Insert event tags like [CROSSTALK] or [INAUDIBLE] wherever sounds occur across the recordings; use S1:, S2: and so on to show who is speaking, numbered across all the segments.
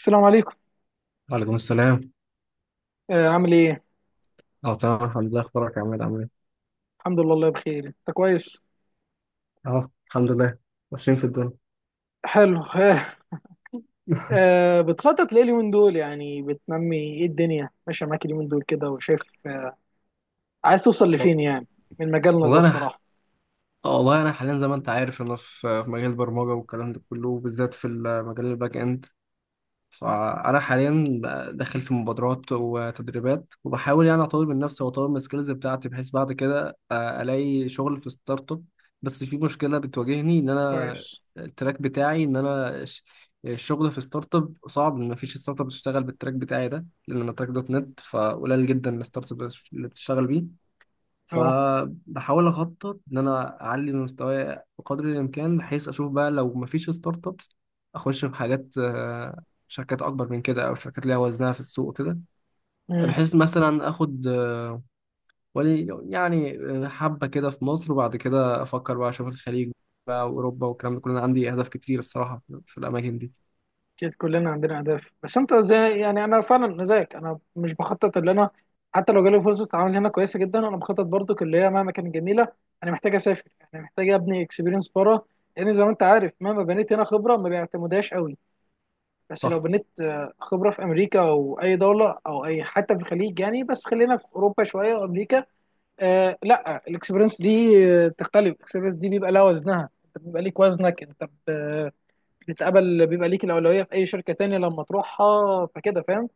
S1: السلام عليكم.
S2: وعليكم السلام.
S1: عامل ايه؟
S2: اه، تمام الحمد لله. اخبارك يا عماد، عامل ايه؟
S1: الحمد لله الله بخير، انت كويس؟
S2: اه، الحمد لله. ماشيين في الدنيا.
S1: حلو. [LAUGHS] بتخطط ليه اليومين دول؟ يعني بتنمي ايه؟ الدنيا ماشيه معاك اليومين دول كده وشايف؟ عايز توصل
S2: وال-
S1: لفين يعني من مجالنا ده
S2: والله انا ح-
S1: الصراحه؟
S2: والله انا حاليا زي ما انت عارف، انا في مجال البرمجه والكلام ده كله، وبالذات في المجال الباك اند. فأنا حاليا داخل في مبادرات وتدريبات، وبحاول يعني أطور من نفسي وأطور من السكيلز بتاعتي بحيث بعد كده ألاقي شغل في ستارت أب. بس في مشكلة بتواجهني إن أنا
S1: كويس.
S2: التراك بتاعي، إن أنا الشغل في ستارت أب صعب، إن مفيش ستارت أب بتشتغل بالتراك بتاعي ده، لأن أنا تراك دوت نت، فقليل جدا الستارت أب اللي بتشتغل بيه.
S1: اه.
S2: فبحاول اخطط ان انا اعلي من مستواي بقدر الامكان، بحيث اشوف بقى لو مفيش ستارت ابس، اخش في حاجات، شركات اكبر من كده، او شركات ليها وزنها في السوق كده،
S1: امم.
S2: بحيث مثلا اخد ولي يعني، حبه كده في مصر، وبعد كده افكر بقى اشوف الخليج بقى واوروبا والكلام ده كله. انا عندي اهداف كتير الصراحه في الاماكن دي.
S1: اكيد كلنا عندنا اهداف، بس انت زي يعني انا فعلا أنا زيك، انا مش بخطط اللي انا حتى لو جالي فرصه عمل هنا كويسه جدا انا بخطط برضو اللي هي مهما كانت جميله، انا محتاج اسافر، انا محتاج ابني اكسبيرينس بره، لان زي ما انت عارف مهما بنيت هنا خبره ما بيعتمدهاش قوي. بس لو
S2: صح.
S1: بنيت خبرة في أمريكا أو أي دولة أو أي حتى في الخليج يعني، بس خلينا في أوروبا شوية وأمريكا. لا الإكسبيرينس دي، بتختلف الإكسبيرينس دي، بيبقى لها وزنها، أنت بيبقى ليك وزنك، بتتقبل، بيبقى ليك الأولوية في أي شركة تانية لما تروحها، فكده فاهم.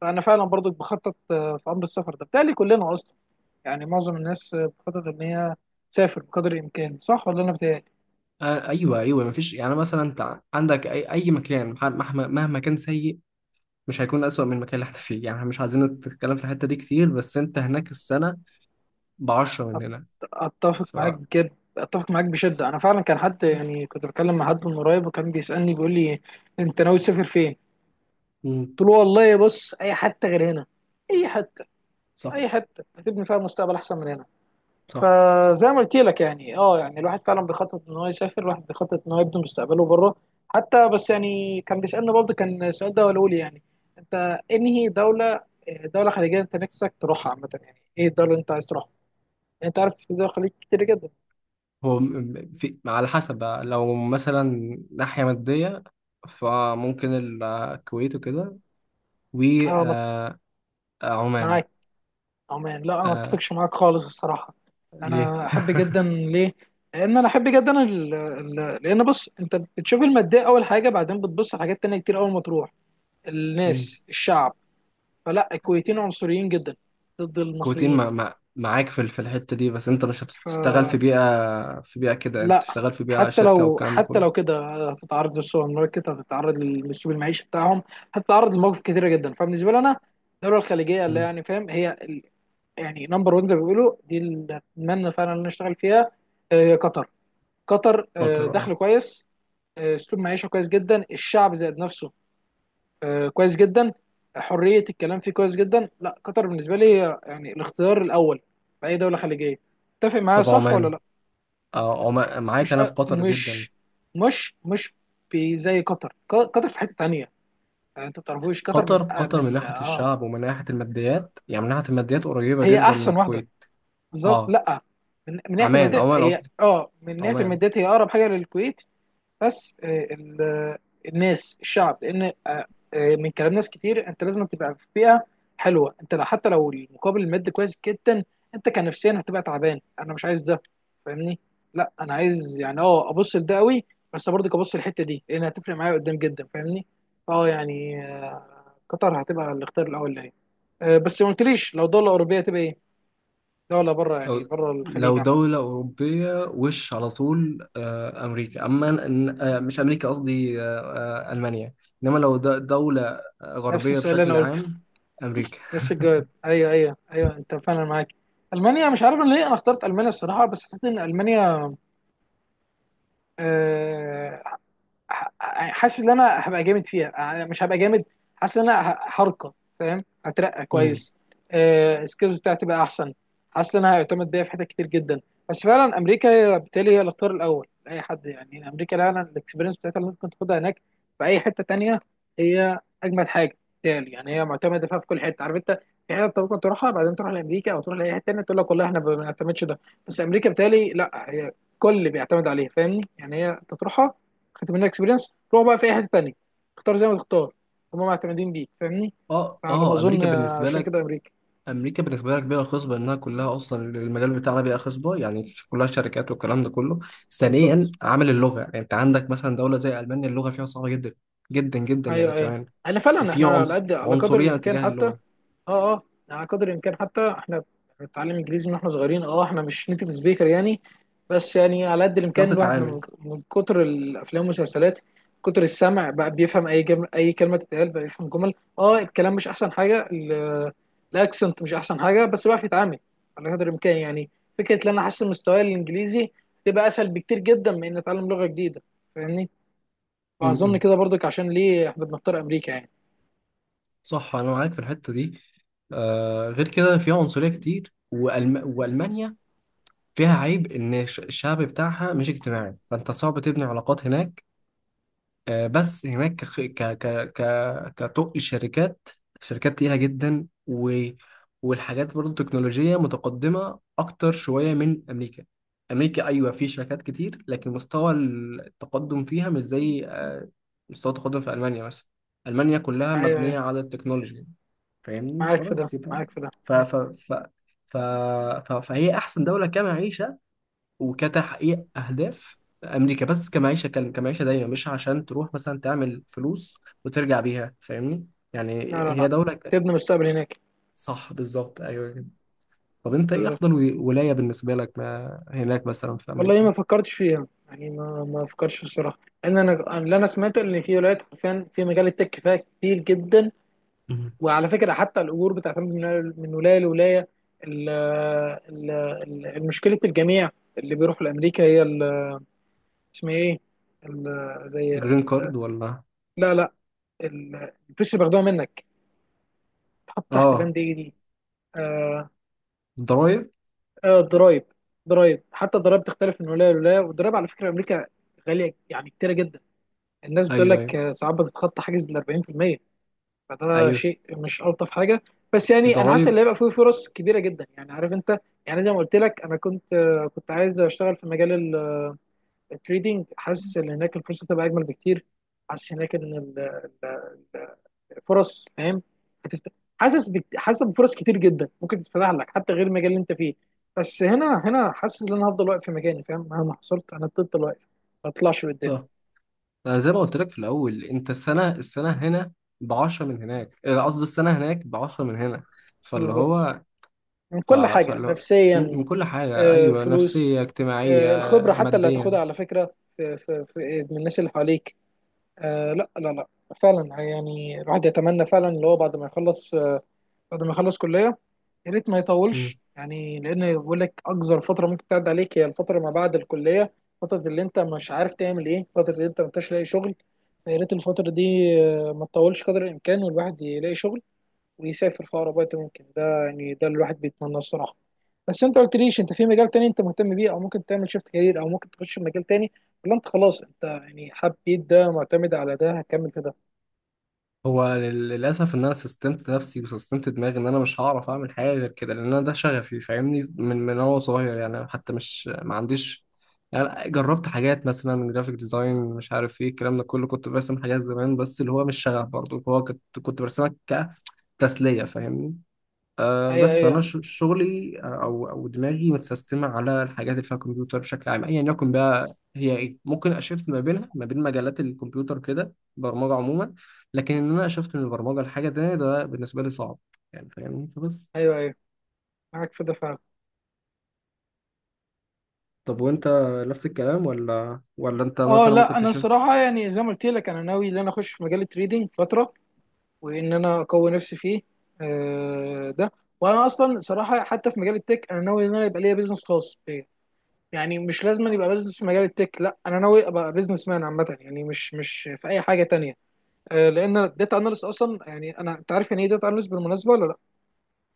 S1: فأنا فعلا برضو بخطط في أمر السفر ده. بتهيألي كلنا أصلا يعني معظم الناس بتخطط إن هي تسافر بقدر الإمكان، صح ولا أنا بتهيألي؟
S2: آه، ايوه ايوه، مفيش يعني، مثلا انت عندك اي مكان، مهما كان سيء، مش هيكون أسوأ من المكان اللي احنا فيه. يعني احنا مش عايزين نتكلم في الحتة دي كتير، بس انت هناك السنة بعشرة من هنا.
S1: اتفق
S2: ف
S1: معاك جد، اتفق معاك بشده، انا فعلا كان حد يعني كنت بتكلم مع حد من قريب وكان بيسالني بيقول لي انت ناوي تسافر فين؟
S2: مم.
S1: قلت له والله بص اي حته غير هنا، اي حته،
S2: صح
S1: اي حته هتبني فيها مستقبل احسن من هنا.
S2: صح،
S1: فزي ما قلت لك يعني اه يعني الواحد فعلا بيخطط ان هو يسافر، الواحد بيخطط ان هو يبني مستقبله بره. حتى بس يعني كان بيسالني برضه، كان السؤال ده هو لي يعني انت انهي دوله، دوله خليجيه انت نفسك تروحها عامه، يعني ايه الدوله اللي انت عايز تروحها؟ يعني انت عارف في دول الخليج كتير جدا.
S2: هو في، على حسب بقى، لو مثلا ناحية مادية، فممكن الكويت وكده،
S1: اه.
S2: وعمان.
S1: معاك. عمان لا انا ما اتفقش معاك خالص الصراحه.
S2: ليه؟
S1: انا احب جدا ليه؟ لان انا احب جدا ال... ال... لان بص، انت بتشوف الماديه اول حاجه، بعدين بتبص على حاجات تانية كتير اول ما تروح،
S2: مم.
S1: الناس، الشعب. فلا، الكويتيين عنصريين جدا ضد
S2: كويتين،
S1: المصريين.
S2: مع معاك في في الحتة دي، بس انت مش هتشتغل في
S1: فلا،
S2: بيئة في بيئة كده، انت تشتغل في بيئة
S1: حتى
S2: شركة
S1: لو
S2: والكلام ده
S1: حتى
S2: كله.
S1: لو كده هتتعرض للسوبر ماركت، هتتعرض للاسلوب المعيشي بتاعهم، هتتعرض لمواقف كتيره جدا. فبالنسبه لي انا الدوله الخليجيه اللي
S2: مم.
S1: يعني فاهم هي يعني نمبر 1 زي ما بيقولوا دي اللي اتمنى فعلا ان أنا اشتغل فيها قطر. قطر
S2: خاطر،
S1: دخل
S2: اه.
S1: كويس، اسلوب معيشه كويس جدا، الشعب ذات نفسه كويس جدا، حريه الكلام فيه كويس جدا. لا قطر بالنسبه لي يعني الاختيار الاول في اي دوله خليجيه. تتفق معايا
S2: طب
S1: صح ولا
S2: عمان.
S1: لا؟
S2: اه، هو معاك
S1: مش
S2: انا في
S1: أ-
S2: قطر جدا.
S1: مش مش مش بي- زي قطر، قطر في حته تانية، يعني انت ما تعرفوش قطر من
S2: قطر قطر من ناحيه الشعب ومن ناحيه الماديات، يعني من ناحيه الماديات قريبه
S1: هي
S2: جدا من
S1: احسن واحده
S2: الكويت.
S1: بالظبط.
S2: اه.
S1: لا، من ناحيه
S2: عمان،
S1: الماديات
S2: عمان
S1: هي
S2: قصدي،
S1: اه من ناحيه
S2: عمان.
S1: الماديات هي اقرب حاجه للكويت. بس الناس الشعب، لان من كلام ناس كتير انت لازم تبقى في بيئه حلوه، انت لو حتى لو المقابل المادي كويس جدا انت كنفسيا هتبقى تعبان، انا مش عايز ده فاهمني؟ لا انا عايز يعني اه ابص لده قوي بس برضه ابص للحته دي لان هتفرق معايا قدام جدا فاهمني. اه يعني قطر هتبقى الاختيار الاول ليا. بس ما قلتليش لو دوله اوروبيه هتبقى ايه، لا ولا بره يعني
S2: لو
S1: بره الخليج
S2: لو
S1: عامة.
S2: دوله اوروبيه، وش على طول امريكا، اما إن- آه مش امريكا قصدي، المانيا. انما لو دوله
S1: نفس
S2: غربيه
S1: السؤال اللي انا
S2: بشكل
S1: قلته.
S2: عام. امريكا.
S1: نفس الجواب، ايوه ايوه ايوه انت فعلا معاك. المانيا مش عارف أنا ليه انا اخترت المانيا الصراحة، بس حسيت ان المانيا آه، ح- حاسس ان انا هبقى جامد فيها، يعني مش هبقى جامد، حاسس ان انا هرقى، فاهم؟ هترقى
S2: امم.
S1: كويس، السكيلز بتاعتي بقى احسن، حاسس ان انا هيعتمد بيا في حتت كتير جدا. بس فعلا امريكا هي- بالتالي هي الاختيار الاول لاي حد، يعني امريكا فعلا الاكسبيرينس بتاعتها اللي ممكن تاخدها هناك في اي حته تانيه هي اجمد حاجه، بالتالي يعني هي معتمده فيها في كل حته عارف انت. في حته أنت ممكن تروحها بعدين تروح لامريكا او تروح لاي حته تانيه تقول لك والله احنا ما بنعتمدش ده، بس امريكا بالتالي لا هي كل بيعتمد عليها فاهمني، يعني هي انت تروحها خدت منها اكسبيرينس، روح بقى في اي حته تانيه، اختار زي ما تختار، هم معتمدين بيك فاهمني.
S2: اه
S1: فعلى ما
S2: اه،
S1: اظن
S2: امريكا بالنسبه
S1: عشان كده
S2: لك.
S1: امريكا.
S2: امريكا بالنسبه لها كبيره خصبه، انها كلها اصلا المجال بتاعنا بيئه خصبه، يعني كلها شركات والكلام ده كله. ثانيا
S1: بالظبط.
S2: عامل اللغه، يعني انت عندك مثلا دوله زي المانيا اللغه فيها صعبه جدا جدا جدا
S1: ايوه
S2: يعني
S1: ايوه.
S2: كمان،
S1: انا فعلا
S2: وفي
S1: احنا على
S2: عنصر
S1: قد على قدر
S2: عنصريه
S1: الامكان
S2: تجاه
S1: حتى.
S2: اللغه،
S1: اه اه. على قدر الامكان حتى احنا بنتعلم انجليزي من احنا صغيرين، اه احنا مش نيتيف سبيكر يعني، بس يعني على قد الامكان
S2: هتعرف
S1: الواحد من
S2: تتعامل.
S1: من كتر الافلام والمسلسلات، كتر السمع بقى بيفهم اي جم... اي كلمه تتقال بقى بيفهم جمل، اه الكلام مش احسن حاجه الاكسنت مش احسن حاجه بس بقى يتعامل على قدر الامكان يعني. فكره ان انا احسن مستواي الانجليزي تبقى اسهل بكتير جدا من ان اتعلم لغه جديده فاهمني؟ واظن
S2: امم.
S1: كده برضك عشان ليه احنا بنختار امريكا يعني.
S2: صح، انا معاك في الحته دي. آه، غير كده فيها عنصريه كتير، والمانيا فيها عيب ان الشعب بتاعها مش اجتماعي، فانت صعب تبني علاقات هناك. بس هناك كخ- ك ك ك كطق شركات تقيلة جدا، والحاجات برضه تكنولوجية متقدمة أكتر شوية من أمريكا. أمريكا أيوة في شركات كتير، لكن مستوى التقدم فيها مش زي مستوى التقدم في ألمانيا مثلا. ألمانيا كلها
S1: ايوه أيوة،
S2: مبنية على التكنولوجيا، فاهمني.
S1: معاك في ده
S2: فبس يبقى
S1: معاك في ده
S2: ف
S1: معاك
S2: ف
S1: في ده.
S2: ف ف ف فهي أحسن دولة كمعيشة وكتحقيق اهداف. امريكا بس كمعيشه، كان كمعيشه دايما، مش عشان تروح مثلا تعمل فلوس وترجع بيها، فاهمني. يعني
S1: لا لا
S2: هي
S1: لا،
S2: دوله
S1: تبني مستقبل هناك.
S2: صح، بالظبط، ايوه كده. طب انت ايه
S1: بالظبط.
S2: افضل ولايه بالنسبه لك ما هناك مثلا في
S1: والله
S2: امريكا؟
S1: ما فكرتش فيها يعني ما ما فكرتش الصراحه، لان انا اللي انا سمعته ان في ولايات حرفيا في مجال التك فيها كتير جدا.
S2: مهم.
S1: وعلى فكره حتى الاجور بتعتمد من من ولايه لولايه، ال- ال- المشكله الجميع اللي بيروحوا لامريكا هي اسمها ايه، ال- زي
S2: الجرين
S1: ال-
S2: كارد ولا؟
S1: لا لا، ال- الفلوس اللي بياخدوها منك تحط تحت
S2: اه.
S1: بند ايه دي؟ آه،
S2: ضرايب.
S1: ضرايب. ضرايب، حتى الضرايب تختلف من ولايه لولايه، والضرايب على فكره امريكا غاليه، يعني كتيره جدا، الناس بتقول
S2: ايوه
S1: لك
S2: ايوه
S1: ساعات بتتخطى حاجز ال 40%. فده
S2: ايوه،
S1: شيء مش الطف حاجه. بس يعني انا حاسس ان
S2: ضرايب.
S1: هيبقى فيه فرص كبيره جدا يعني عارف انت. يعني زي ما قلت لك انا كنت كنت عايز اشتغل في مجال التريدينج، حاسس ان هناك الفرصه تبقى اجمل بكتير، حاسس هناك ان ال- فرص فاهم هتفتح، حاسس بفرص كتير جدا ممكن تتفتح لك حتى غير المجال اللي انت فيه. بس هنا هنا حاسس ان انا هفضل واقف في مكاني فاهم، مهما حصلت انا هفضل واقف ما اطلعش لقدام.
S2: صح. انا زي ما قلت لك في الاول، انت السنه هنا ب 10 من هناك، قصدي السنه هناك ب 10 من هنا، فاللي
S1: بالظبط.
S2: هو
S1: من كل حاجه
S2: فاللي هو
S1: نفسيا،
S2: من كل حاجة، أيوة،
S1: فلوس،
S2: نفسية اجتماعية
S1: الخبره حتى اللي
S2: ماديا.
S1: هتاخدها على فكره في في في من الناس اللي حواليك، لا لا لا. فعلا يعني الواحد يتمنى فعلا اللي هو بعد ما يخلص بعد ما يخلص كليه يا ريت ما
S2: مم.
S1: يطولش، يعني لان بقول لك اقصر فتره ممكن تعدي عليك هي الفتره ما بعد الكليه، فتره اللي انت مش عارف تعمل ايه، فتره اللي انت ما انتش لاقي شغل. فيا ريت الفتره دي ما تطولش قدر الامكان والواحد يلاقي شغل ويسافر في اقرب وقت ممكن، ده يعني ده اللي الواحد بيتمناه الصراحه. بس انت قلت ليش انت في مجال تاني انت مهتم بيه او ممكن تعمل شيفت كارير او ممكن تخش في مجال تاني، ولا انت خلاص انت يعني حبيت ده معتمد على ده هكمل في ده؟
S2: هو للأسف إن أنا سستمت نفسي وسستمت دماغي، إن أنا مش هعرف أعمل حاجة غير كده، لأن أنا ده شغفي، فاهمني، من وأنا صغير يعني، حتى مش ما عنديش. يعني جربت حاجات مثلا جرافيك ديزاين، مش عارف ايه الكلام ده كله، كنت برسم حاجات زمان، بس اللي هو مش شغف برضه، هو كنت برسمها كتسلية فاهمني. آه،
S1: ايوه
S2: بس فانا
S1: ايوه
S2: شغلي، او دماغي متسيستمه على الحاجات اللي فيها كمبيوتر بشكل عام، ايا يكن بقى هي ايه، ممكن اشفت ما بينها ما بين مجالات الكمبيوتر كده، برمجه عموما. لكن ان انا اشفت من البرمجه لحاجه تانية، ده بالنسبه لي صعب يعني فاهمني، فبس.
S1: ايوه ايوه معاك في ده فعلا.
S2: طب وانت؟ نفس الكلام ولا انت
S1: اه
S2: مثلا
S1: لا
S2: ممكن
S1: انا
S2: تشوف؟
S1: الصراحه يعني زي ما قلت لك انا ناوي ان انا اخش في مجال التريدينج فتره وان انا اقوي نفسي فيه ده. وانا اصلا صراحه حتى في مجال التك انا ناوي ان انا يبقى ليا بيزنس خاص بيا، يعني مش لازم أن يبقى بيزنس في مجال التك، لا انا ناوي ابقى بيزنس مان عامه يعني مش مش في اي حاجه تانية لان الداتا اناليست اصلا يعني انا انت عارف يعني ايه داتا اناليست بالمناسبه ولا؟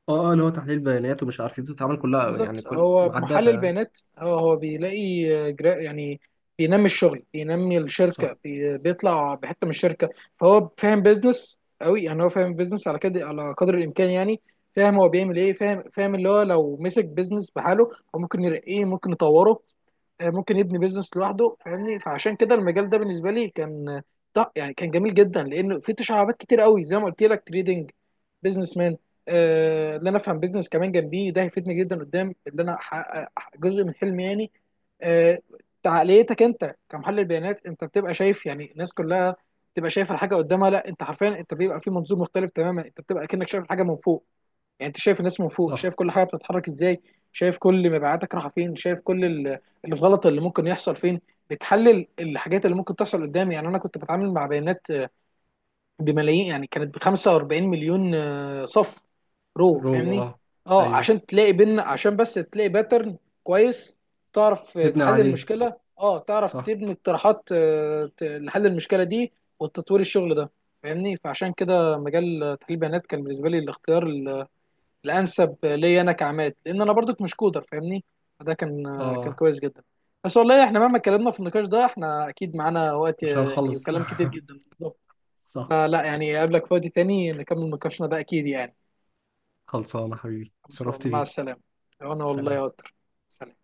S2: اه اه، اللي هو تحليل بيانات ومش عارف ايه، بتتعامل كلها
S1: بالظبط،
S2: يعني كل
S1: هو
S2: مع
S1: محلل
S2: الداتا يعني.
S1: البيانات، هو هو بيلاقي يعني بينمي الشغل بينمي
S2: صح
S1: الشركه بيطلع بحته من الشركه، فهو فاهم بيزنس قوي، يعني هو فاهم بيزنس على كده على قدر الامكان يعني، فاهم هو بيعمل ايه فاهم، فاهم اللي هو لو مسك بيزنس بحاله هو ممكن يرقيه، ممكن يطوره، ممكن يبني بيزنس لوحده فاهمني، فعشان كده المجال ده بالنسبه لي كان لا يعني كان جميل جدا، لانه في تشعبات كتير قوي زي ما قلت لك، تريدنج، بيزنس مان، اللي انا افهم بيزنس كمان جنبيه ده هيفيدني جدا قدام اللي انا احقق جزء من حلمي يعني. آه تعقليتك انت كمحلل بيانات، انت بتبقى شايف يعني الناس كلها بتبقى شايفه الحاجه قدامها، لا انت حرفيا انت بيبقى في منظور مختلف تماما، انت بتبقى كأنك شايف الحاجه من فوق، يعني انت شايف الناس من فوق،
S2: صح.
S1: شايف كل حاجه بتتحرك ازاي، شايف كل مبيعاتك رايحه فين، شايف كل الغلط اللي ممكن يحصل فين، بتحلل الحاجات اللي ممكن تحصل قدامي. يعني انا كنت بتعامل مع بيانات بملايين، يعني كانت ب 45 مليون صف، رو
S2: رو،
S1: فاهمني؟
S2: اه.
S1: اه
S2: ايوه.
S1: عشان تلاقي بين عشان بس تلاقي باترن كويس، تعرف
S2: تبني
S1: تحل
S2: عليه.
S1: المشكله، اه تعرف
S2: صح.
S1: تبني اقتراحات لحل المشكله دي وتطوير الشغل ده فاهمني. فعشان كده مجال تحليل البيانات كان بالنسبه لي الاختيار الانسب ليا انا كعماد، لان انا برضك مش كودر فاهمني، فده كان كان
S2: اه.
S1: كويس جدا. بس والله احنا مهما اتكلمنا في النقاش ده احنا اكيد معانا وقت
S2: مش
S1: يعني
S2: هنخلص
S1: وكلام كتير
S2: [LAUGHS]
S1: جدا بالظبط،
S2: صح.
S1: فلا يعني قابلك في وقت تاني نكمل نقاشنا ده اكيد يعني.
S2: خلصانة حبيبي،
S1: خلاص
S2: شرفت
S1: مع
S2: بيك.
S1: السلامه. انا والله
S2: سلام.
S1: يا قطر. سلام.